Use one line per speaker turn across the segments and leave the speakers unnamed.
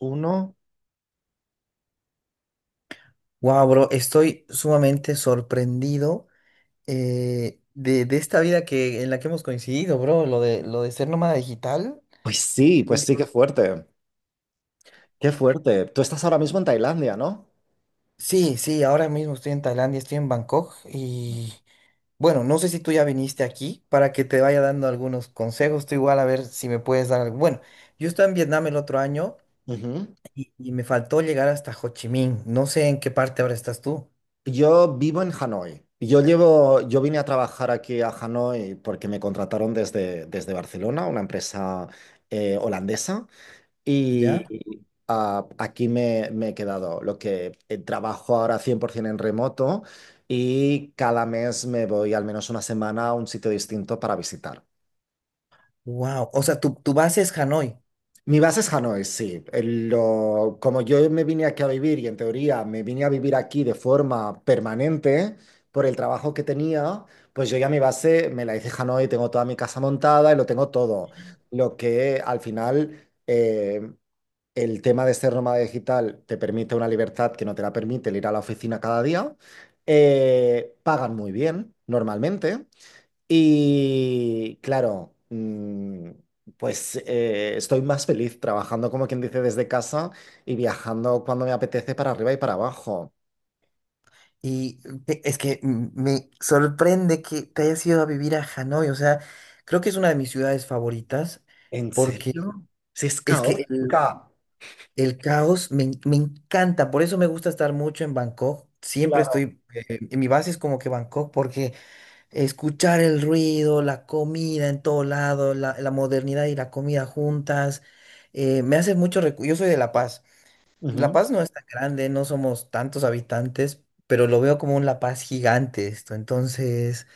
Uno.
Wow, bro, estoy sumamente sorprendido de esta vida que, en la que hemos coincidido, bro. Lo de ser nómada digital. Sí,
Pues sí, qué fuerte. Qué fuerte. Tú estás ahora mismo en Tailandia, ¿no?
sí, ahora mismo estoy en Tailandia, estoy en Bangkok y bueno, no sé si tú ya viniste aquí para que te vaya dando algunos consejos. Tú igual a ver si me puedes dar algo. Bueno, yo estaba en Vietnam el otro año
Ujú.
y me faltó llegar hasta Ho Chi Minh. No sé en qué parte ahora estás tú.
Yo vivo en Hanoi. Yo vine a trabajar aquí a Hanoi porque me contrataron desde Barcelona, una empresa holandesa,
¿Ya?
y aquí me he quedado. Lo que trabajo ahora 100% en remoto y cada mes me voy al menos una semana a un sitio distinto para visitar.
Wow. O sea, tu base es Hanoi.
Mi base es Hanoi, sí. Como yo me vine aquí a vivir y en teoría me vine a vivir aquí de forma permanente por el trabajo que tenía, pues yo ya mi base me la hice en Hanoi, tengo toda mi casa montada y lo tengo todo. Lo que al final el tema de ser nómada digital te permite una libertad que no te la permite el ir a la oficina cada día. Pagan muy bien normalmente. Y claro, pues estoy más feliz trabajando, como quien dice, desde casa y viajando cuando me apetece para arriba y para abajo.
Y es que me sorprende que te hayas ido a vivir a Hanoi. O sea, creo que es una de mis ciudades favoritas
¿En
porque
serio? Si es
es que el,
caótica.
el caos me, me encanta. Por eso me gusta estar mucho en Bangkok. Siempre
Claro.
estoy, en mi base es como que Bangkok porque escuchar el ruido, la comida en todo lado, la modernidad y la comida juntas, me hace mucho yo soy de La Paz. La
Ujú.
Paz no es tan grande, no somos tantos habitantes, pero lo veo como un La Paz gigante esto. Entonces,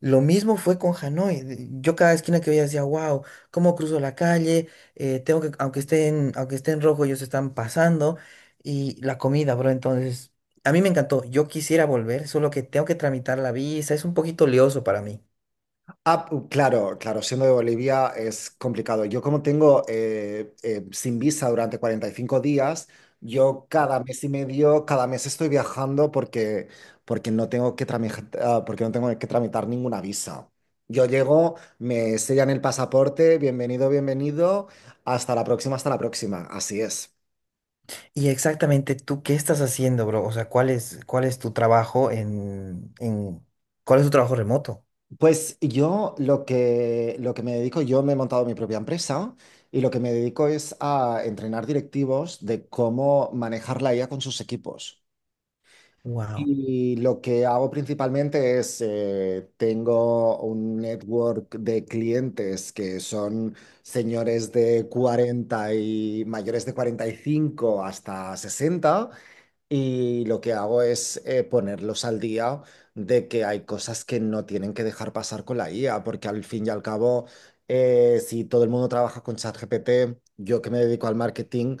lo mismo fue con Hanoi. Yo cada esquina que veía decía, wow, ¿cómo cruzo la calle? Tengo que, aunque estén, aunque esté en rojo, ellos están pasando. Y la comida, bro, entonces, a mí me encantó. Yo quisiera volver, solo que tengo que tramitar la visa. Es un poquito lioso para mí.
Ah, claro, claro, siendo de Bolivia es complicado. Yo como tengo sin visa durante 45 días, yo cada mes y medio, cada mes estoy viajando porque no tengo que porque no tengo que tramitar ninguna visa. Yo llego, me sellan el pasaporte, bienvenido, bienvenido, hasta la próxima, hasta la próxima. Así es.
Y exactamente tú, ¿qué estás haciendo, bro? O sea, cuál es tu trabajo en, cuál es tu trabajo remoto?
Pues lo que me dedico, yo me he montado mi propia empresa y lo que me dedico es a entrenar directivos de cómo manejar la IA con sus equipos.
Wow.
Y lo que hago principalmente es, tengo un network de clientes que son señores de 40 y mayores de 45 hasta 60 y lo que hago es ponerlos al día de que hay cosas que no tienen que dejar pasar con la IA, porque al fin y al cabo, si todo el mundo trabaja con ChatGPT, yo que me dedico al marketing,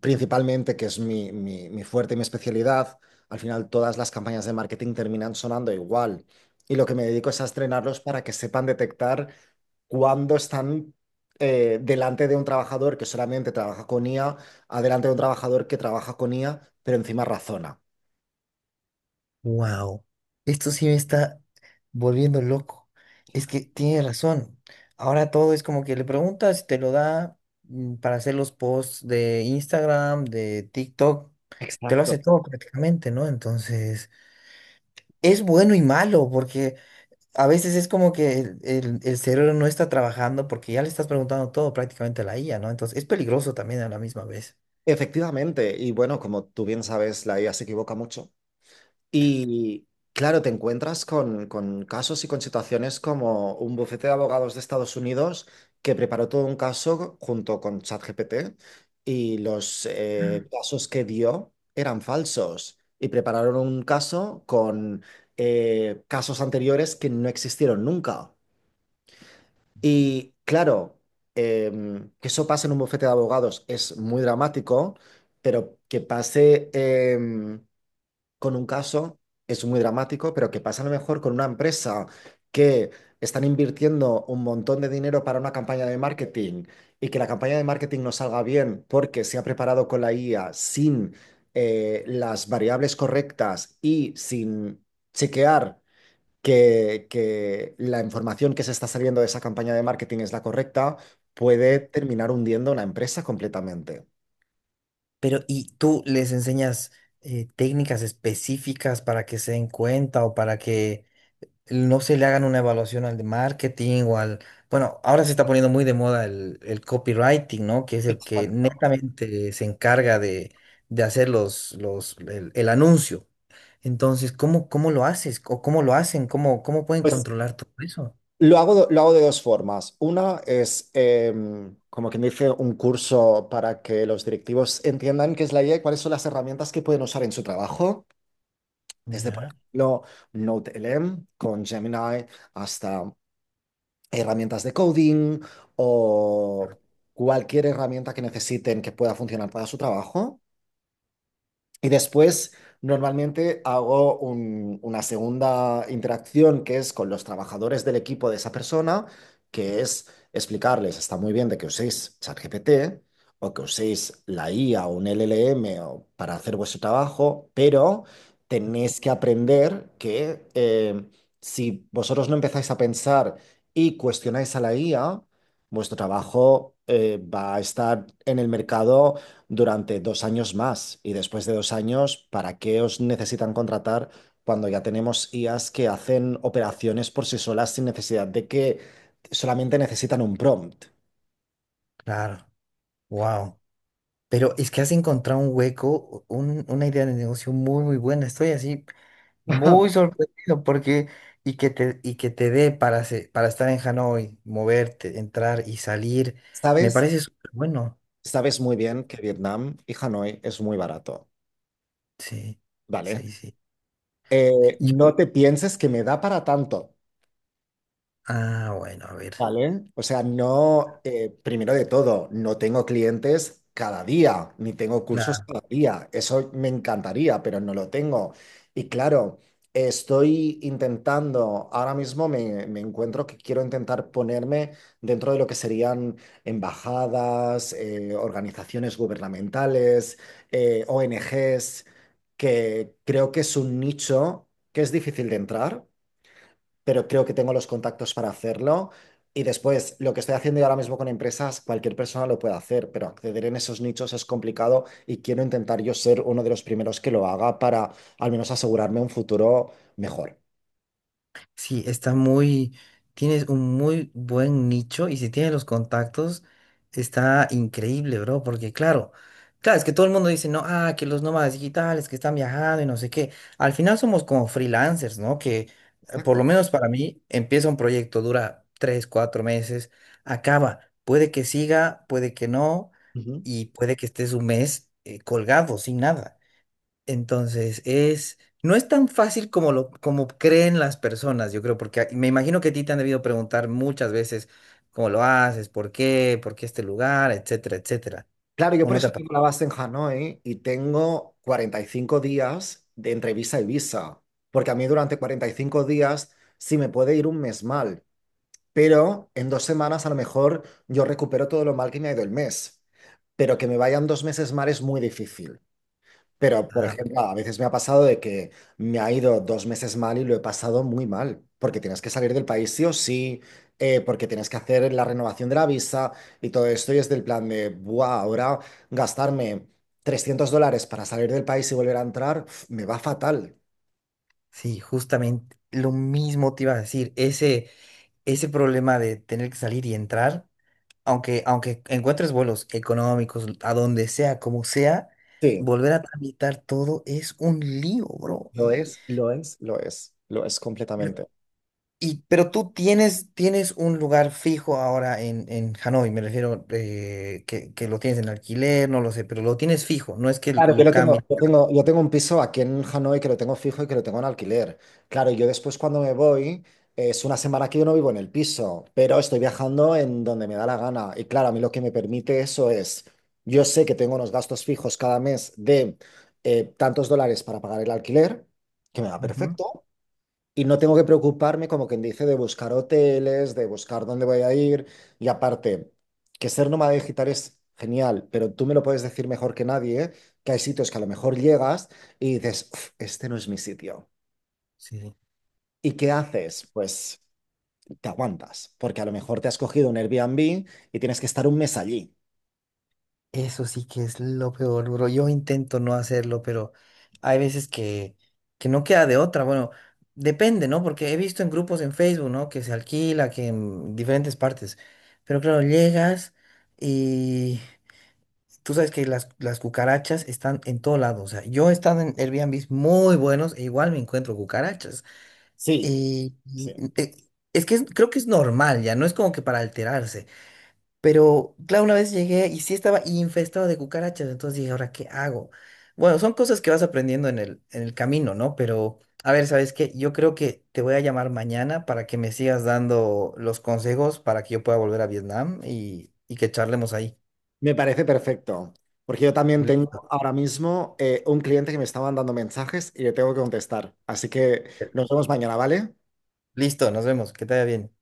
principalmente, que es mi fuerte y mi especialidad, al final todas las campañas de marketing terminan sonando igual. Y lo que me dedico es a estrenarlos para que sepan detectar cuando están delante de un trabajador que solamente trabaja con IA, a delante de un trabajador que trabaja con IA, pero encima razona.
Wow, esto sí me está volviendo loco. Es que tiene razón. Ahora todo es como que le preguntas y te lo da para hacer los posts de Instagram, de TikTok. Te lo hace
Exacto.
todo prácticamente, ¿no? Entonces, es bueno y malo porque a veces es como que el, el cerebro no está trabajando porque ya le estás preguntando todo prácticamente a la IA, ¿no? Entonces, es peligroso también a la misma vez.
Efectivamente, y bueno, como tú bien sabes, la IA se equivoca mucho. Y claro, te encuentras con casos y con situaciones como un bufete de abogados de Estados Unidos que preparó todo un caso junto con ChatGPT y los casos que dio eran falsos y prepararon un caso con casos anteriores que no existieron nunca. Y claro, que eso pase en un bufete de abogados es muy dramático, pero que con un caso, es muy dramático, pero que pasa a lo mejor con una empresa que están invirtiendo un montón de dinero para una campaña de marketing y que la campaña de marketing no salga bien porque se ha preparado con la IA sin las variables correctas y sin chequear que la información que se está saliendo de esa campaña de marketing es la correcta, puede terminar hundiendo una empresa completamente.
Pero, ¿y tú les enseñas técnicas específicas para que se den cuenta o para que no se le hagan una evaluación al de marketing o al... Bueno, ahora se está poniendo muy de moda el copywriting, ¿no? Que es el que
Exacto.
netamente se encarga de hacer los, el anuncio. Entonces, ¿cómo, cómo lo haces? ¿O cómo lo hacen? ¿Cómo, cómo pueden
Pues
controlar todo eso?
lo hago, lo hago de dos formas. Una es, como quien dice, un curso para que los directivos entiendan qué es la IA y cuáles son las herramientas que pueden usar en su trabajo, desde, por
Ya,
ejemplo, NodeLM con Gemini hasta herramientas de coding o cualquier herramienta que necesiten que pueda funcionar para su trabajo. Y después, normalmente hago una segunda interacción que es con los trabajadores del equipo de esa persona, que es explicarles, está muy bien de que uséis ChatGPT o que uséis la IA o un LLM para hacer vuestro trabajo, pero tenéis que aprender que si vosotros no empezáis a pensar y cuestionáis a la IA, vuestro trabajo va a estar en el mercado durante 2 años más. Y después de 2 años, ¿para qué os necesitan contratar cuando ya tenemos IAs que hacen operaciones por sí solas sin necesidad de que solamente necesitan un prompt?
claro. Wow. Pero es que has encontrado un hueco, una idea de negocio muy, muy buena. Estoy así muy sorprendido porque y que te dé para para estar en Hanoi, moverte, entrar y salir, me
¿Sabes?
parece súper bueno.
Sabes muy bien que Vietnam y Hanoi es muy barato,
Sí,
¿vale?
sí. Y-
No te pienses que me da para tanto.
ah, bueno, a ver.
Vale, o sea, no, primero de todo, no tengo clientes cada día, ni tengo cursos
Claro.
cada día. Eso me encantaría, pero no lo tengo. Y claro, estoy intentando, ahora mismo me encuentro que quiero intentar ponerme dentro de lo que serían embajadas, organizaciones gubernamentales, ONGs, que creo que es un nicho que es difícil de entrar pero creo que tengo los contactos para hacerlo. Y después, lo que estoy haciendo yo ahora mismo con empresas, cualquier persona lo puede hacer, pero acceder en esos nichos es complicado y quiero intentar yo ser uno de los primeros que lo haga para al menos asegurarme un futuro mejor.
Sí, está muy, tienes un muy buen nicho y si tienes los contactos, está increíble, bro, porque claro, claro, es que todo el mundo dice, no, ah, que los nómadas digitales que están viajando y no sé qué. Al final somos como freelancers, ¿no? Que por lo
Exacto.
menos para mí empieza un proyecto, dura tres, cuatro meses, acaba. Puede que siga, puede que no,
Ujú.
y puede que estés un mes colgado, sin nada. Entonces, es, no es tan fácil como lo, como creen las personas, yo creo, porque me imagino que a ti te han debido preguntar muchas veces cómo lo haces, por qué este lugar, etcétera, etcétera.
Claro, yo
¿O
por
no te
eso
ha
tengo la base en Hanoi y tengo 45 días de entre visa y visa, porque a mí durante 45 días, si me puede ir un mes mal, pero en 2 semanas a lo mejor yo recupero todo lo mal que me ha ido el mes, pero que me vayan 2 meses mal es muy difícil. Pero, por
ah, pues,
ejemplo, a veces me ha pasado de que me ha ido 2 meses mal y lo he pasado muy mal, porque tienes que salir del país sí o sí, porque tienes que hacer la renovación de la visa y todo esto, y es del plan de, ¡buah! Ahora gastarme $300 para salir del país y volver a entrar, uf, me va fatal.
sí, justamente lo mismo te iba a decir, ese problema de tener que salir y entrar, aunque, aunque encuentres vuelos económicos, a donde sea, como sea,
Sí,
volver a tramitar todo es un lío, bro.
lo es completamente.
Pero tú tienes, tienes un lugar fijo ahora en Hanoi, me refiero que lo tienes en alquiler, no lo sé, pero lo tienes fijo, no es que
Claro, yo
lo
lo tengo,
cambies.
yo tengo un piso aquí en Hanoi que lo tengo fijo y que lo tengo en alquiler. Claro, yo después cuando me voy, es una semana que yo no vivo en el piso, pero estoy viajando en donde me da la gana. Y claro, a mí lo que me permite eso es, yo sé que tengo unos gastos fijos cada mes de tantos dólares para pagar el alquiler, que me va
Ujú,
perfecto, y no tengo que preocuparme, como quien dice, de buscar hoteles, de buscar dónde voy a ir. Y aparte, que ser nómada digital es genial, pero tú me lo puedes decir mejor que nadie, ¿eh? Que hay sitios que a lo mejor llegas y dices, "Uf, este no es mi sitio.
sí.
¿Y qué haces? Pues te aguantas, porque a lo mejor te has cogido un Airbnb y tienes que estar un mes allí.
Eso sí que es lo peor, bro. Yo intento no hacerlo, pero hay veces que no queda de otra. Bueno, depende, ¿no? Porque he visto en grupos en Facebook, ¿no? Que se alquila, que en diferentes partes. Pero claro, llegas y tú sabes que las cucarachas están en todo lado. O sea, yo he estado en Airbnb muy buenos e igual me encuentro cucarachas.
Sí,
Y, y-
sí.
eh, es que creo que es normal ya, no es como que para alterarse. Pero claro, una vez llegué y sí estaba infestado de cucarachas. Entonces dije, ¿ahora qué hago? Bueno, son cosas que vas aprendiendo en el camino, ¿no? Pero a ver, ¿sabes qué? Yo creo que te voy a llamar mañana para que me sigas dando los consejos para que yo pueda volver a Vietnam y que charlemos ahí.
Me parece perfecto, porque yo también
Listo.
tengo ahora mismo un cliente que me está mandando mensajes y le tengo que contestar. Así que nos vemos mañana, ¿vale?
Listo, nos vemos. Que te vaya bien.